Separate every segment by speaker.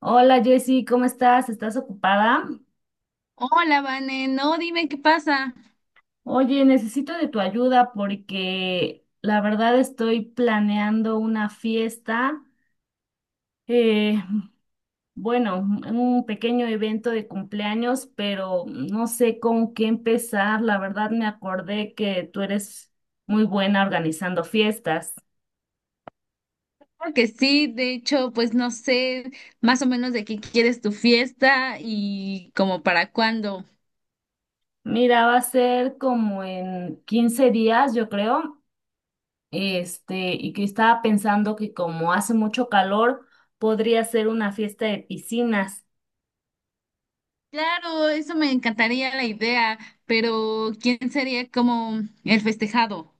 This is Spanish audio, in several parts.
Speaker 1: Hola Jessy, ¿cómo estás? ¿Estás ocupada?
Speaker 2: Hola, Vane, no, dime qué pasa.
Speaker 1: Oye, necesito de tu ayuda porque la verdad estoy planeando una fiesta, eh, bueno, un pequeño evento de cumpleaños, pero no sé con qué empezar. La verdad me acordé que tú eres muy buena organizando fiestas.
Speaker 2: Claro que sí, de hecho, pues no sé más o menos de qué quieres tu fiesta y como para cuándo.
Speaker 1: Mira, va a ser como en 15 días, yo creo. Este, y que estaba pensando que como hace mucho calor, podría ser una fiesta de piscinas.
Speaker 2: Claro, eso me encantaría la idea, pero ¿quién sería como el festejado?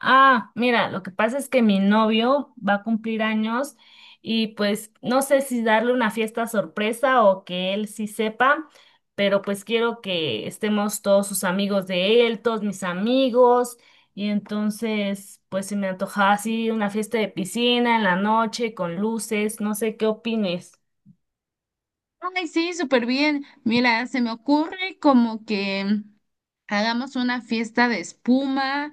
Speaker 1: Ah, mira, lo que pasa es que mi novio va a cumplir años y pues no sé si darle una fiesta sorpresa o que él sí sepa, pero pues quiero que estemos todos sus amigos de él, todos mis amigos, y entonces pues se me antojaba así una fiesta de piscina en la noche con luces, no sé qué opines.
Speaker 2: Ay, sí, súper bien. Mira, se me ocurre como que hagamos una fiesta de espuma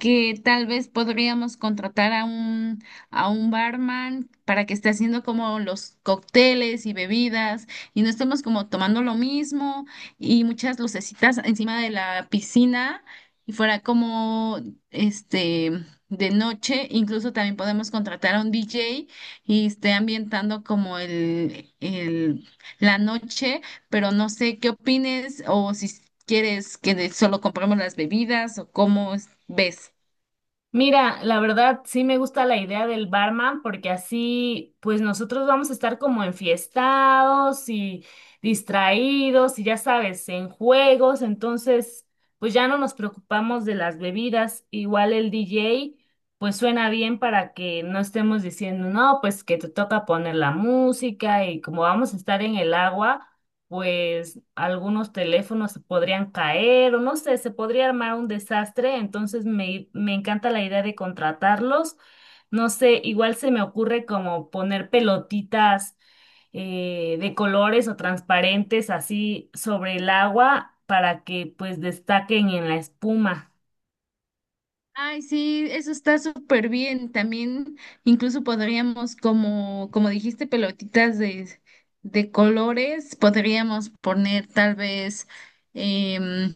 Speaker 2: que tal vez podríamos contratar a un barman para que esté haciendo como los cócteles y bebidas y no estemos como tomando lo mismo, y muchas lucecitas encima de la piscina y fuera como este de noche. Incluso también podemos contratar a un DJ y esté ambientando como el la noche, pero no sé qué opines, o si quieres que solo compremos las bebidas o cómo ves.
Speaker 1: Mira, la verdad sí me gusta la idea del barman porque así pues nosotros vamos a estar como enfiestados y distraídos y ya sabes, en juegos, entonces pues ya no nos preocupamos de las bebidas, igual el DJ pues suena bien para que no estemos diciendo, no, pues que te toca poner la música y como vamos a estar en el agua, pues algunos teléfonos se podrían caer o no sé, se podría armar un desastre, entonces me encanta la idea de contratarlos. No sé, igual se me ocurre como poner pelotitas de colores o transparentes así sobre el agua para que pues destaquen en la espuma.
Speaker 2: Ay, sí, eso está súper bien. También incluso podríamos, como, como dijiste, pelotitas de colores. Podríamos poner tal vez, em,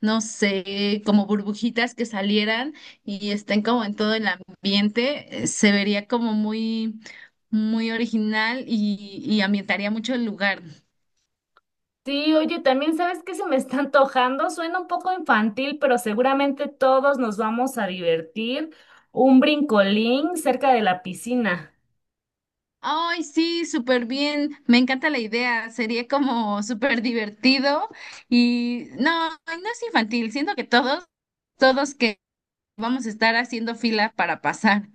Speaker 2: no sé, como burbujitas que salieran y estén como en todo el ambiente. Se vería como muy, muy original y ambientaría mucho el lugar.
Speaker 1: Sí, oye, también sabes que se me está antojando, suena un poco infantil, pero seguramente todos nos vamos a divertir. Un brincolín cerca de la piscina.
Speaker 2: Ay, sí, súper bien. Me encanta la idea. Sería como súper divertido y no, no es infantil. Siento que todos que vamos a estar haciendo fila para pasar.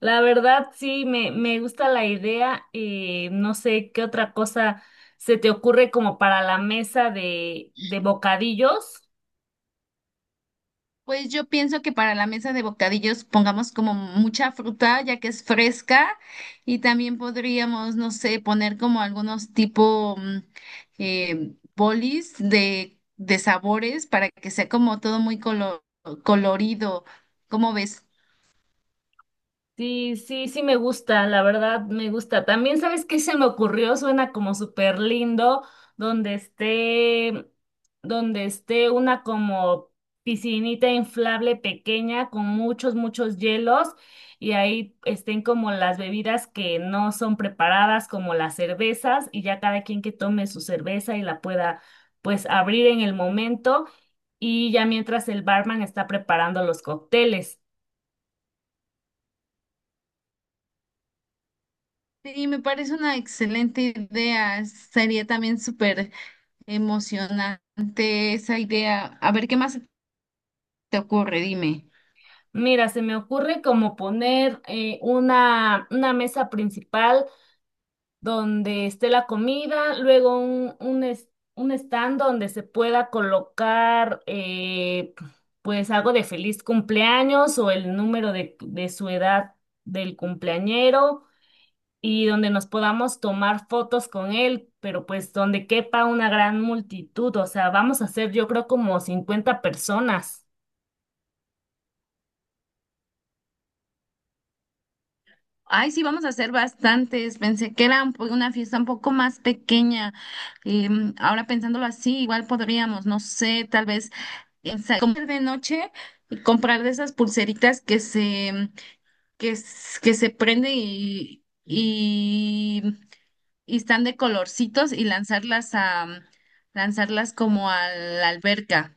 Speaker 1: La verdad, sí, me gusta la idea. No sé qué otra cosa se te ocurre como para la mesa de bocadillos.
Speaker 2: Pues yo pienso que para la mesa de bocadillos pongamos como mucha fruta, ya que es fresca, y también podríamos, no sé, poner como algunos tipo bolis de sabores para que sea como todo muy colorido. ¿Cómo ves?
Speaker 1: Sí, sí, sí me gusta, la verdad me gusta. También, ¿sabes qué se me ocurrió? Suena como súper lindo, donde esté, donde esté una como piscinita inflable pequeña con muchos, muchos hielos y ahí estén como las bebidas que no son preparadas, como las cervezas, y ya cada quien que tome su cerveza y la pueda pues abrir en el momento y ya mientras el barman está preparando los cócteles.
Speaker 2: Sí, me parece una excelente idea. Sería también súper emocionante esa idea. A ver, ¿qué más te ocurre? Dime.
Speaker 1: Mira, se me ocurre como poner una mesa principal donde esté la comida, luego un stand donde se pueda colocar pues algo de feliz cumpleaños o el número de su edad del cumpleañero y donde nos podamos tomar fotos con él, pero pues donde quepa una gran multitud, o sea, vamos a ser yo creo como 50 personas.
Speaker 2: Ay, sí, vamos a hacer bastantes. Pensé que era una fiesta un poco más pequeña. Ahora pensándolo así, igual podríamos, no sé, tal vez en comprar de noche, y comprar de esas pulseritas que se que se prende y están de colorcitos y lanzarlas como a la alberca.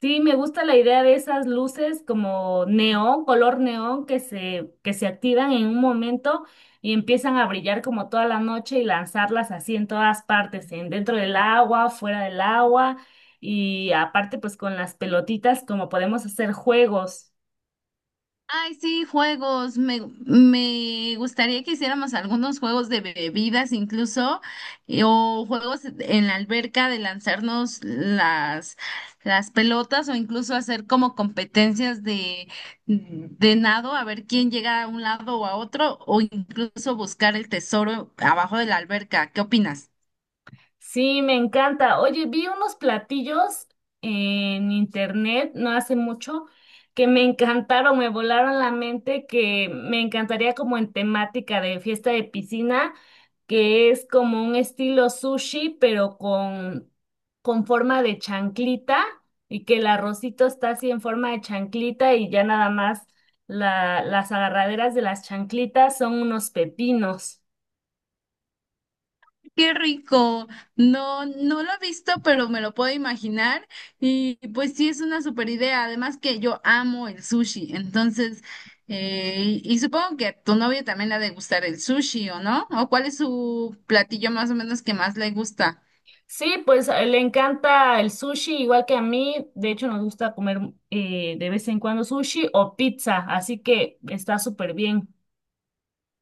Speaker 1: Sí, me gusta la idea de esas luces como neón, color neón, que se activan en un momento y empiezan a brillar como toda la noche y lanzarlas así en todas partes, en dentro del agua, fuera del agua y aparte pues con las pelotitas como podemos hacer juegos.
Speaker 2: Ay, sí, juegos. Me gustaría que hiciéramos algunos juegos de bebidas incluso, o juegos en la alberca de lanzarnos las pelotas, o incluso hacer como competencias de nado, a ver quién llega a un lado o a otro, o incluso buscar el tesoro abajo de la alberca. ¿Qué opinas?
Speaker 1: Sí, me encanta. Oye, vi unos platillos en internet no hace mucho que me encantaron, me volaron la mente, que me encantaría como en temática de fiesta de piscina, que es como un estilo sushi, pero con forma de chanclita y que el arrocito está así en forma de chanclita y ya nada más las agarraderas de las chanclitas son unos pepinos.
Speaker 2: Qué rico. No, no lo he visto, pero me lo puedo imaginar. Y pues sí, es una super idea. Además que yo amo el sushi. Entonces, y supongo que a tu novio también le ha de gustar el sushi, ¿o no? ¿O cuál es su platillo más o menos que más le gusta?
Speaker 1: Sí, pues le encanta el sushi, igual que a mí. De hecho, nos gusta comer de vez en cuando sushi o pizza, así que está súper bien.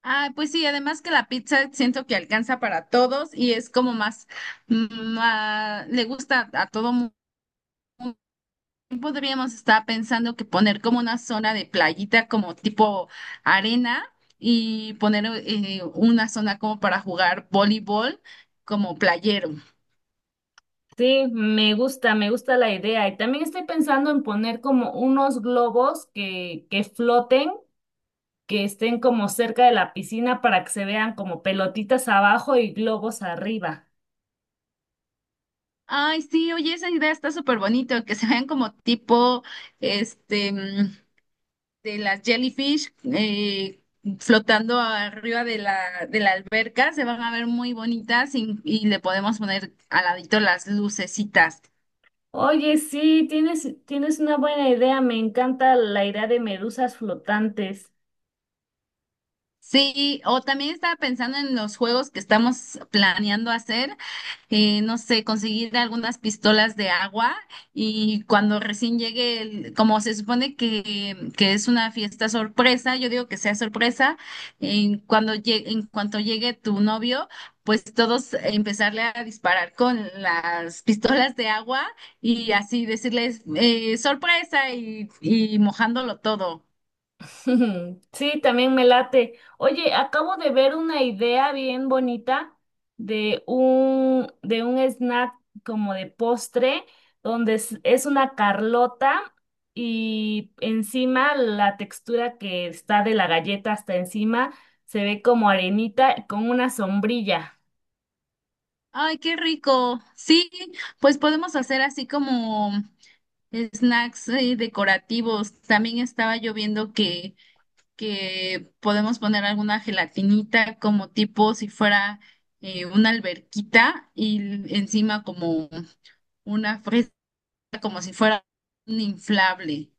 Speaker 2: Ah, pues sí, además que la pizza siento que alcanza para todos y es como más, le gusta a todo mundo. Podríamos estar pensando que poner como una zona de playita, como tipo arena, y poner una zona como para jugar voleibol, como playero.
Speaker 1: Sí, me gusta la idea. Y también estoy pensando en poner como unos globos que floten, que estén como cerca de la piscina para que se vean como pelotitas abajo y globos arriba.
Speaker 2: Ay, sí, oye, esa idea está súper bonito, que se vean como tipo, este, mm, de las jellyfish flotando arriba de de la alberca. Se van a ver muy bonitas y le podemos poner al ladito las lucecitas.
Speaker 1: Oye, sí, tienes una buena idea. Me encanta la idea de medusas flotantes.
Speaker 2: Sí, o también estaba pensando en los juegos que estamos planeando hacer. No sé, conseguir algunas pistolas de agua, y cuando recién llegue, como se supone que es una fiesta sorpresa, yo digo que sea sorpresa, en cuanto llegue tu novio, pues todos empezarle a disparar con las pistolas de agua y así decirles sorpresa y mojándolo todo.
Speaker 1: Sí, también me late. Oye, acabo de ver una idea bien bonita de un snack como de postre, donde es una carlota y encima la textura que está de la galleta hasta encima se ve como arenita con una sombrilla.
Speaker 2: Ay, qué rico. Sí, pues podemos hacer así como snacks decorativos. También estaba yo viendo que podemos poner alguna gelatinita como tipo si fuera una alberquita y encima como una fresa, como si fuera un inflable.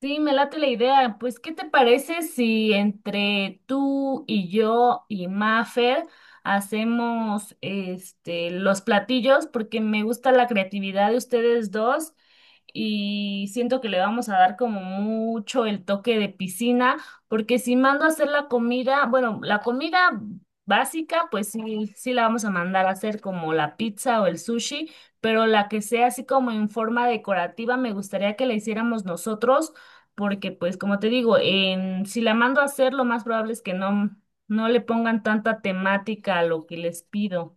Speaker 1: Sí, me late la idea. Pues, ¿qué te parece si entre tú y yo y Mafer hacemos este los platillos? Porque me gusta la creatividad de ustedes dos y siento que le vamos a dar como mucho el toque de piscina, porque si mando a hacer la comida, bueno, la comida básica, pues sí, sí la vamos a mandar a hacer como la pizza o el sushi, pero la que sea así como en forma decorativa, me gustaría que la hiciéramos nosotros porque pues como te digo, si la mando a hacer, lo más probable es que no, no le pongan tanta temática a lo que les pido.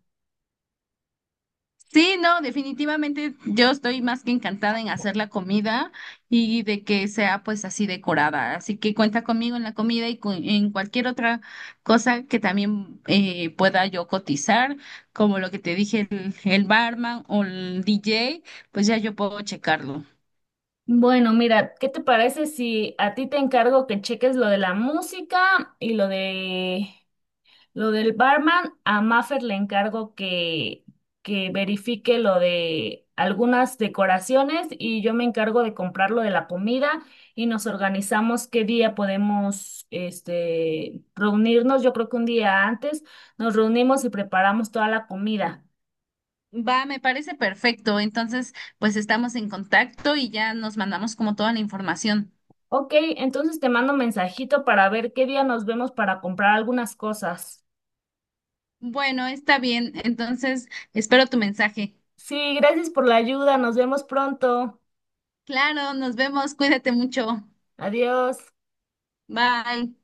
Speaker 2: Sí, no, definitivamente yo estoy más que encantada en hacer la comida y de que sea pues así decorada. Así que cuenta conmigo en la comida y en cualquier otra cosa que también pueda yo cotizar, como lo que te dije, el barman o el DJ, pues ya yo puedo checarlo.
Speaker 1: Bueno, mira, ¿qué te parece si a ti te encargo que cheques lo de la música y lo de lo del barman, a Maffer le encargo que verifique lo de algunas decoraciones y yo me encargo de comprar lo de la comida y nos organizamos qué día podemos este, reunirnos. Yo creo que un día antes nos reunimos y preparamos toda la comida.
Speaker 2: Va, me parece perfecto. Entonces, pues estamos en contacto y ya nos mandamos como toda la información.
Speaker 1: Ok, entonces te mando un mensajito para ver qué día nos vemos para comprar algunas cosas.
Speaker 2: Bueno, está bien. Entonces, espero tu mensaje.
Speaker 1: Sí, gracias por la ayuda. Nos vemos pronto.
Speaker 2: Claro, nos vemos. Cuídate mucho.
Speaker 1: Adiós.
Speaker 2: Bye.